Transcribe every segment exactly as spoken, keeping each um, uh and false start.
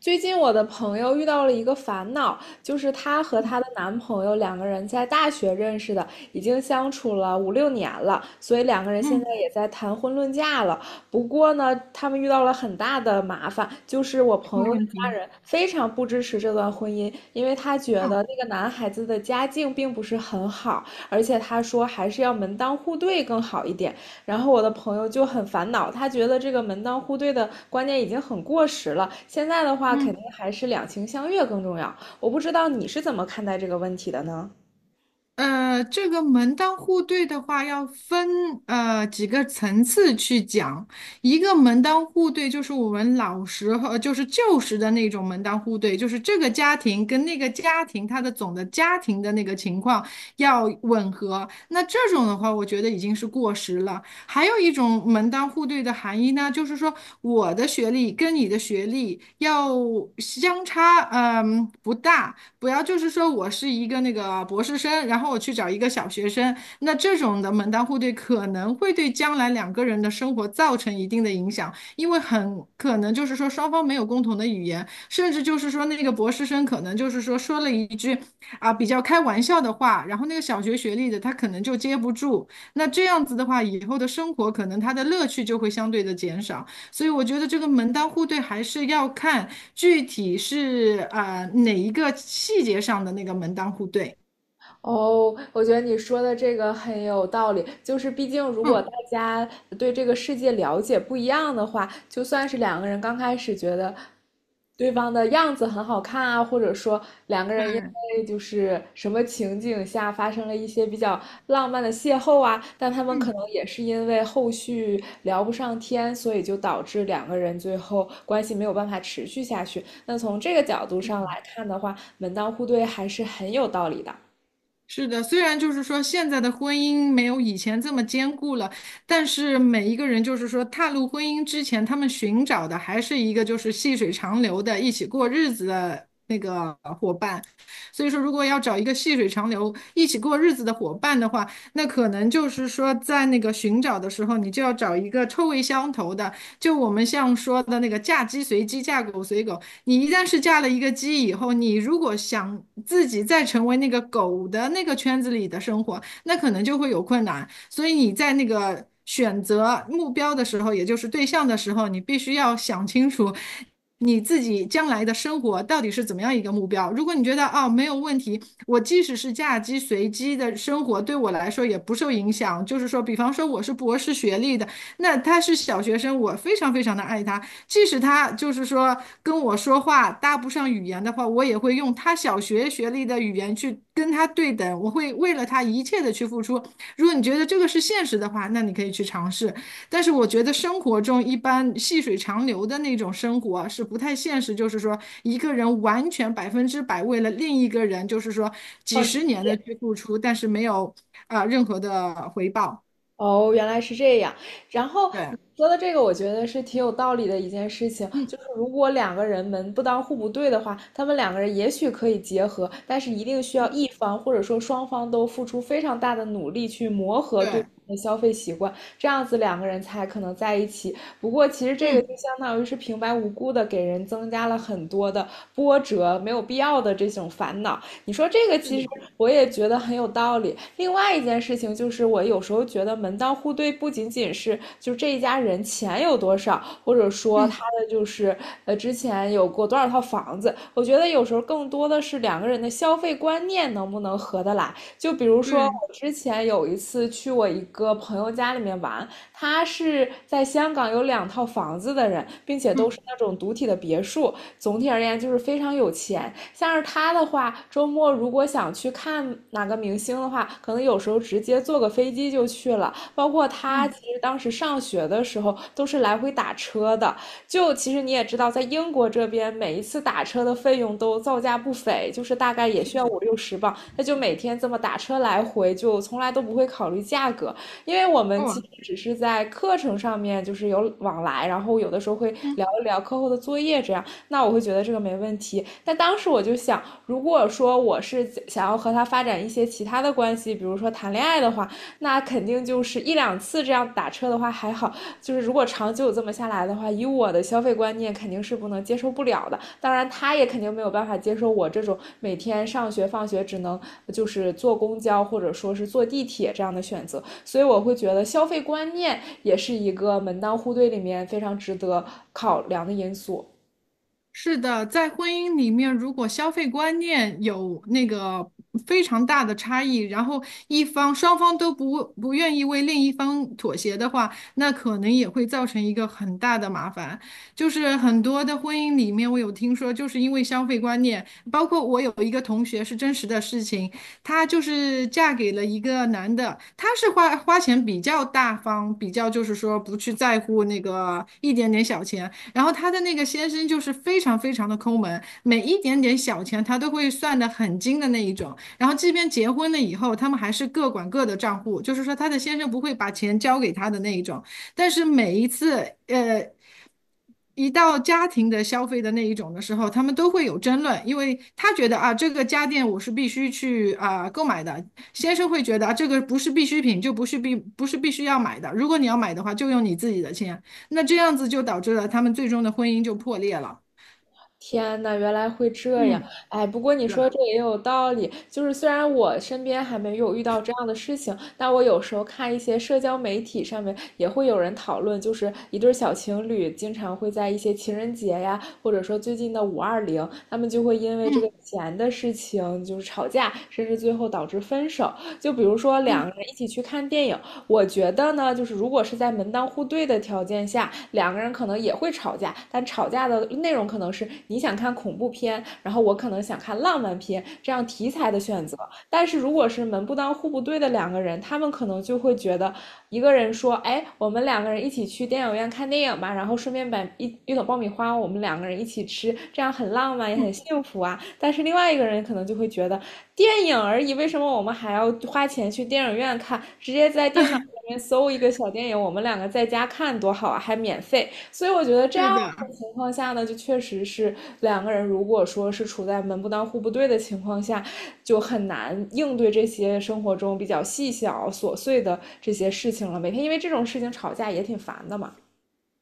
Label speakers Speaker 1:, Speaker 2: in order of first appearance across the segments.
Speaker 1: 最近我的朋友遇到了一个烦恼，就是她和她的男朋友两个人在大学认识的，已经相处了五六年了，所以两个人现在
Speaker 2: 嗯，
Speaker 1: 也在谈婚论嫁了。不过呢，他们遇到了很大的麻烦，就是我
Speaker 2: 什
Speaker 1: 朋
Speaker 2: 么
Speaker 1: 友的
Speaker 2: 问
Speaker 1: 家
Speaker 2: 题？
Speaker 1: 人非常不支持这段婚姻，因为他觉
Speaker 2: 啊，
Speaker 1: 得那个男孩子的家境并不是很好，而且他说还是要门当户对更好一点。然后我的朋友就很烦恼，他觉得这个门当户对的观念已经很过时了，现在的话肯
Speaker 2: 嗯，
Speaker 1: 定还是两情相悦更重要。我不知道你是怎么看待这个问题的呢？
Speaker 2: 呃，这个门当户对的话，要分呃几个层次去讲。一个门当户对就是我们老时候，就是旧时的那种门当户对，就是这个家庭跟那个家庭，它的总的家庭的那个情况要吻合。那这种的话，我觉得已经是过时了。还有一种门当户对的含义呢，就是说我的学历跟你的学历要相差，嗯，不大。不要就是说我是一个那个博士生，然后我去找一个小学生，那这种的门当户对可能会对将来两个人的生活造成一定的影响，因为很可能就是说双方没有共同的语言，甚至就是说那个博士生可能就是说说了一句啊比较开玩笑的话，然后那个小学学历的他可能就接不住，那这样子的话，以后的生活可能他的乐趣就会相对的减少。所以我觉得这个门当户对还是要看具体是啊、哪一个细节上的那个门当户对。
Speaker 1: 哦，我觉得你说的这个很有道理。就是毕竟，如果
Speaker 2: 嗯，
Speaker 1: 大家对这个世界了解不一样的话，就算是两个人刚开始觉得对方的样子很好看啊，或者说两个人因
Speaker 2: 对，
Speaker 1: 为就是什么情景下发生了一些比较浪漫的邂逅啊，但他们可
Speaker 2: 嗯。
Speaker 1: 能也是因为后续聊不上天，所以就导致两个人最后关系没有办法持续下去。那从这个角度上来看的话，门当户对还是很有道理的。
Speaker 2: 是的，虽然就是说现在的婚姻没有以前这么坚固了，但是每一个人就是说踏入婚姻之前，他们寻找的还是一个就是细水长流的一起过日子的那个伙伴。所以说，如果要找一个细水长流一起过日子的伙伴的话，那可能就是说在那个寻找的时候，你就要找一个臭味相投的。就我们像说的那个嫁鸡随鸡，嫁狗随狗，你一旦是嫁了一个鸡以后，你如果想自己再成为那个狗的那个圈子里的生活，那可能就会有困难。所以你在那个选择目标的时候，也就是对象的时候，你必须要想清楚。你自己将来的生活到底是怎么样一个目标？如果你觉得哦没有问题，我即使是嫁鸡随鸡的生活对我来说也不受影响，就是说，比方说我是博士学历的，那他是小学生，我非常非常的爱他，即使他就是说跟我说话搭不上语言的话，我也会用他小学学历的语言去跟他对等，我会为了他一切的去付出。如果你觉得这个是现实的话，那你可以去尝试。但是我觉得生活中一般细水长流的那种生活啊是不太现实，就是说一个人完全百分之百为了另一个人，就是说几十年的去付出，但是没有啊、呃任何的回报。
Speaker 1: 哦，原来是这样。然后
Speaker 2: 对，
Speaker 1: 你说的这个，我觉得是挺有道理的一件事情。
Speaker 2: 嗯，
Speaker 1: 就是如果两个人门不当户不对的话，他们两个人也许可以结合，但是一定需要一方或者说双方都付出非常大的努力去磨合对
Speaker 2: 对，
Speaker 1: 方的消费习惯，这样子两个人才可能在一起。不过其实这个就
Speaker 2: 嗯，
Speaker 1: 相当于是平白无故的给人增加了很多的波折，没有必要的这种烦恼。你说这个
Speaker 2: 是
Speaker 1: 其
Speaker 2: 的，
Speaker 1: 实我也觉得很有道理。另外一件事情就是，我有时候觉得门当户对不仅仅是就这一家人钱有多少，或者说
Speaker 2: 嗯，
Speaker 1: 他的就是呃之前有过多少套房子，我觉得有时候更多的是两个人的消费观念能不能合得来。就比如说
Speaker 2: 对，
Speaker 1: 我之前有一次去我一个朋友家里面玩，他是在香港有两套房子的人，并且都
Speaker 2: 嗯
Speaker 1: 是那种独体的别墅，总体而言就是非常有钱。像是他的话，周末如果想去看哪个明星的话，可能有时候直接坐个飞机就去了。包括他
Speaker 2: 嗯。
Speaker 1: 其实当时上学的时候都是来回打车的。就其实你也知道，在英国这边，每一次打车的费用都造价不菲，就是大概也需要五六十磅。他就每天这么打车来回，就从来都不会考虑价格，因为我们其
Speaker 2: 哦，
Speaker 1: 实只是在课程上面就是有往来，然后有的时候会
Speaker 2: 嗯，
Speaker 1: 聊一聊课后的作业这样。那我会觉得这个没问题。但当时我就想，如果说我是想要和他发展一些其他的关系，比如说谈恋爱的话，那肯定就是一两次这样打车的话还好，就是如果长久这么下来的话，以我的消费观念肯定是不能接受不了的。当然，他也肯定没有办法接受我这种每天上学放学只能就是坐公交或者说是坐地铁这样的选择。所以我会觉得消费观念也是一个门当户对里面非常值得考量的因素。
Speaker 2: 是的，在婚姻里面，如果消费观念有那个非常大的差异，然后一方双方都不不愿意为另一方妥协的话，那可能也会造成一个很大的麻烦。就是很多的婚姻里面，我有听说，就是因为消费观念，包括我有一个同学是真实的事情，她就是嫁给了一个男的，他是花花钱比较大方，比较就是说不去在乎那个一点点小钱。然后他的那个先生就是非常非常的抠门，每一点点小钱他都会算得很精的那一种。然后即便结婚了以后，他们还是各管各的账户，就是说他的先生不会把钱交给他的那一种。但是每一次，呃，一到家庭的消费的那一种的时候，他们都会有争论，因为他觉得啊，这个家电我是必须去啊、购买的，先生会觉得啊，这个不是必需品，就不是必不是必须要买的，如果你要买的话，就用你自己的钱，那这样子就导致了他们最终的婚姻就破裂了。
Speaker 1: 天呐，原来会这样！
Speaker 2: 嗯，
Speaker 1: 哎，不过你
Speaker 2: 对
Speaker 1: 说
Speaker 2: 了，
Speaker 1: 这也有道理，就是虽然我身边还没有遇到这样的事情，但我有时候看一些社交媒体上面也会有人讨论，就是一对小情侣经常会在一些情人节呀，或者说最近的五二零，他们就会因为这个
Speaker 2: 嗯
Speaker 1: 钱的事情就是吵架，甚至最后导致分手。就比如说两个
Speaker 2: 嗯，
Speaker 1: 人一起去看电影，我觉得呢，就是如果是在门当户对的条件下，两个人可能也会吵架，但吵架的内容可能是你想看恐怖片，然后我可能想看浪漫片这样题材的选择。但是如果是门不当户不对的两个人，他们可能就会觉得一个人说，哎，我们两个人一起去电影院看电影吧，然后顺便买一一桶爆米花，我们两个人一起吃，这样很浪漫也很幸福啊。但是另外一个人可能就会觉得，电影而已，为什么我们还要花钱去电影院看？直接在电脑里面搜一个小电影，我们两个在家看多好啊，还免费。所以我觉得这
Speaker 2: 对
Speaker 1: 样
Speaker 2: 的。
Speaker 1: 的情况下呢，就确实是两个人如果说是处在门不当户不对的情况下，就很难应对这些生活中比较细小琐碎的这些事情了。每天因为这种事情吵架也挺烦的嘛。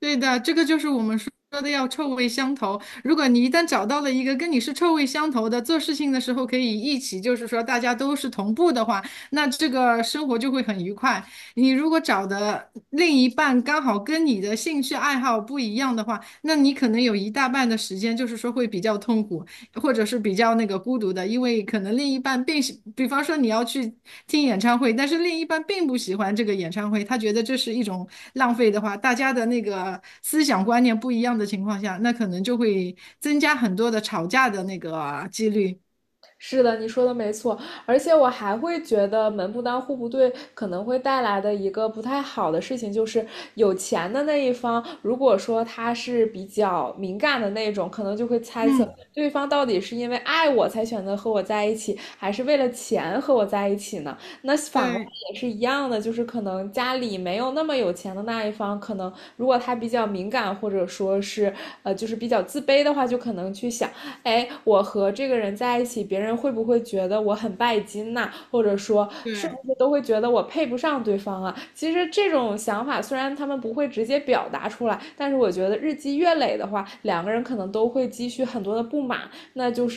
Speaker 2: 对的，这个就是我们说的要臭味相投。如果你一旦找到了一个跟你是臭味相投的，做事情的时候可以一起，就是说大家都是同步的话，那这个生活就会很愉快。你如果找的另一半刚好跟你的兴趣爱好不一样的话，那你可能有一大半的时间就是说会比较痛苦，或者是比较那个孤独的，因为可能另一半并喜，比方说你要去听演唱会，但是另一半并不喜欢这个演唱会，他觉得这是一种浪费的话，大家的那个思想观念不一样的情况下，那可能就会增加很多的吵架的那个几率。
Speaker 1: 是的，你说的没错，而且我还会觉得门不当户不对可能会带来的一个不太好的事情，就是有钱的那一方，如果说他是比较敏感的那种，可能就会猜测
Speaker 2: 嗯，
Speaker 1: 对方到底是因为爱我才选择和我在一起，还是为了钱和我在一起呢？那反过来
Speaker 2: 对
Speaker 1: 也是一样的，就是可能家里没有那么有钱的那一方，可能如果他比较敏感，或者说是呃，就是比较自卑的话，就可能去想。哎，我和这个人在一起，别人会不会觉得我很拜金呐、或者说，是不
Speaker 2: 对
Speaker 1: 是都会觉得我配不上对方啊？其实这种想法虽然他们不会直接表达出来，但是我觉得日积月累的话，两个人可能都会积蓄很多的不满，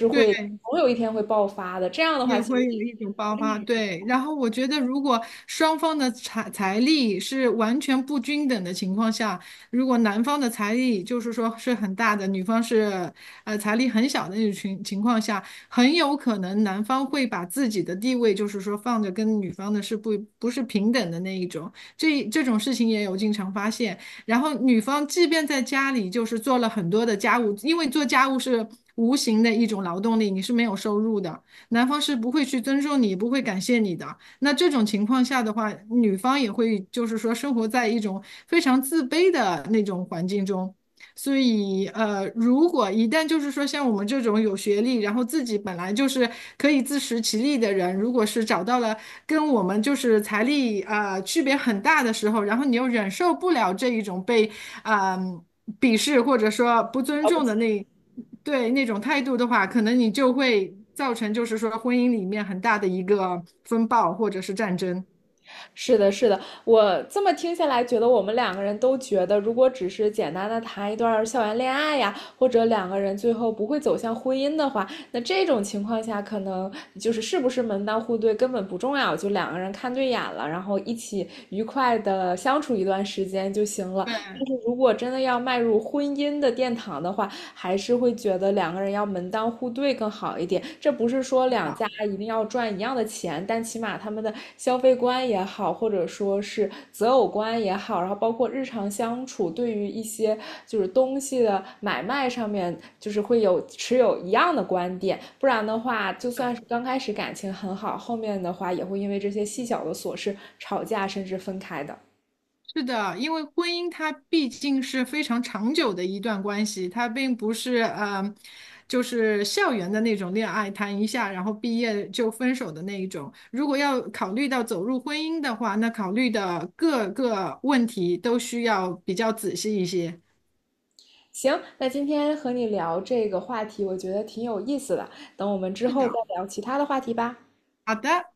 Speaker 2: 对，
Speaker 1: 总有一天会爆发的。这样的话，
Speaker 2: 也
Speaker 1: 其实
Speaker 2: 会有一种爆发，对。然后我觉得，如果双方的财财力是完全不均等的情况下，如果男方的财力就是说是很大的，女方是呃财力很小的那种情情况下，很有可能男方会把自己的地位就是说放着跟女方的是不不是平等的那一种，这这种事情也有经常发现。然后女方即便在家里就是做了很多的家务，因为做家务是无形的一种劳动力，你是没有收入的。男方是不会去尊重你，不会感谢你的。那这种情况下的话，女方也会就是说生活在一种非常自卑的那种环境中。所以，呃，如果一旦就是说像我们这种有学历，然后自己本来就是可以自食其力的人，如果是找到了跟我们就是财力啊、呃区别很大的时候，然后你又忍受不了这一种被啊、呃鄙视或者说不尊重
Speaker 1: 呃
Speaker 2: 的那对那种态度的话，可能你就会造成就是说婚姻里面很大的一个风暴或者是战争。
Speaker 1: 是的，是的，我这么听下来，觉得我们两个人都觉得，如果只是简单的谈一段校园恋爱呀，或者两个人最后不会走向婚姻的话，那这种情况下，可能就是是不是门当户对根本不重要，就两个人看对眼了，然后一起愉快的相处一段时间就行了。但
Speaker 2: 对
Speaker 1: 是如果真的要迈入婚姻的殿堂的话，还是会觉得两个人要门当户对更好一点。这不是说两
Speaker 2: 啊，
Speaker 1: 家一定要赚一样的钱，但起码他们的消费观也好，或者说是择偶观也好，然后包括日常相处，对于一些就是东西的买卖上面，就是会有持有一样的观点。不然的话，就算是刚开始感情很好，后面的话也会因为这些细小的琐事吵架，甚至分开的。
Speaker 2: 是的，因为婚姻它毕竟是非常长久的一段关系，它并不是呃，就是校园的那种恋爱，谈一下然后毕业就分手的那一种。如果要考虑到走入婚姻的话，那考虑的各个问题都需要比较仔细一些。
Speaker 1: 行，那今天和你聊这个话题，我觉得挺有意思的。等我们之
Speaker 2: 是
Speaker 1: 后
Speaker 2: 的，
Speaker 1: 再聊其他的话题吧。
Speaker 2: 好的。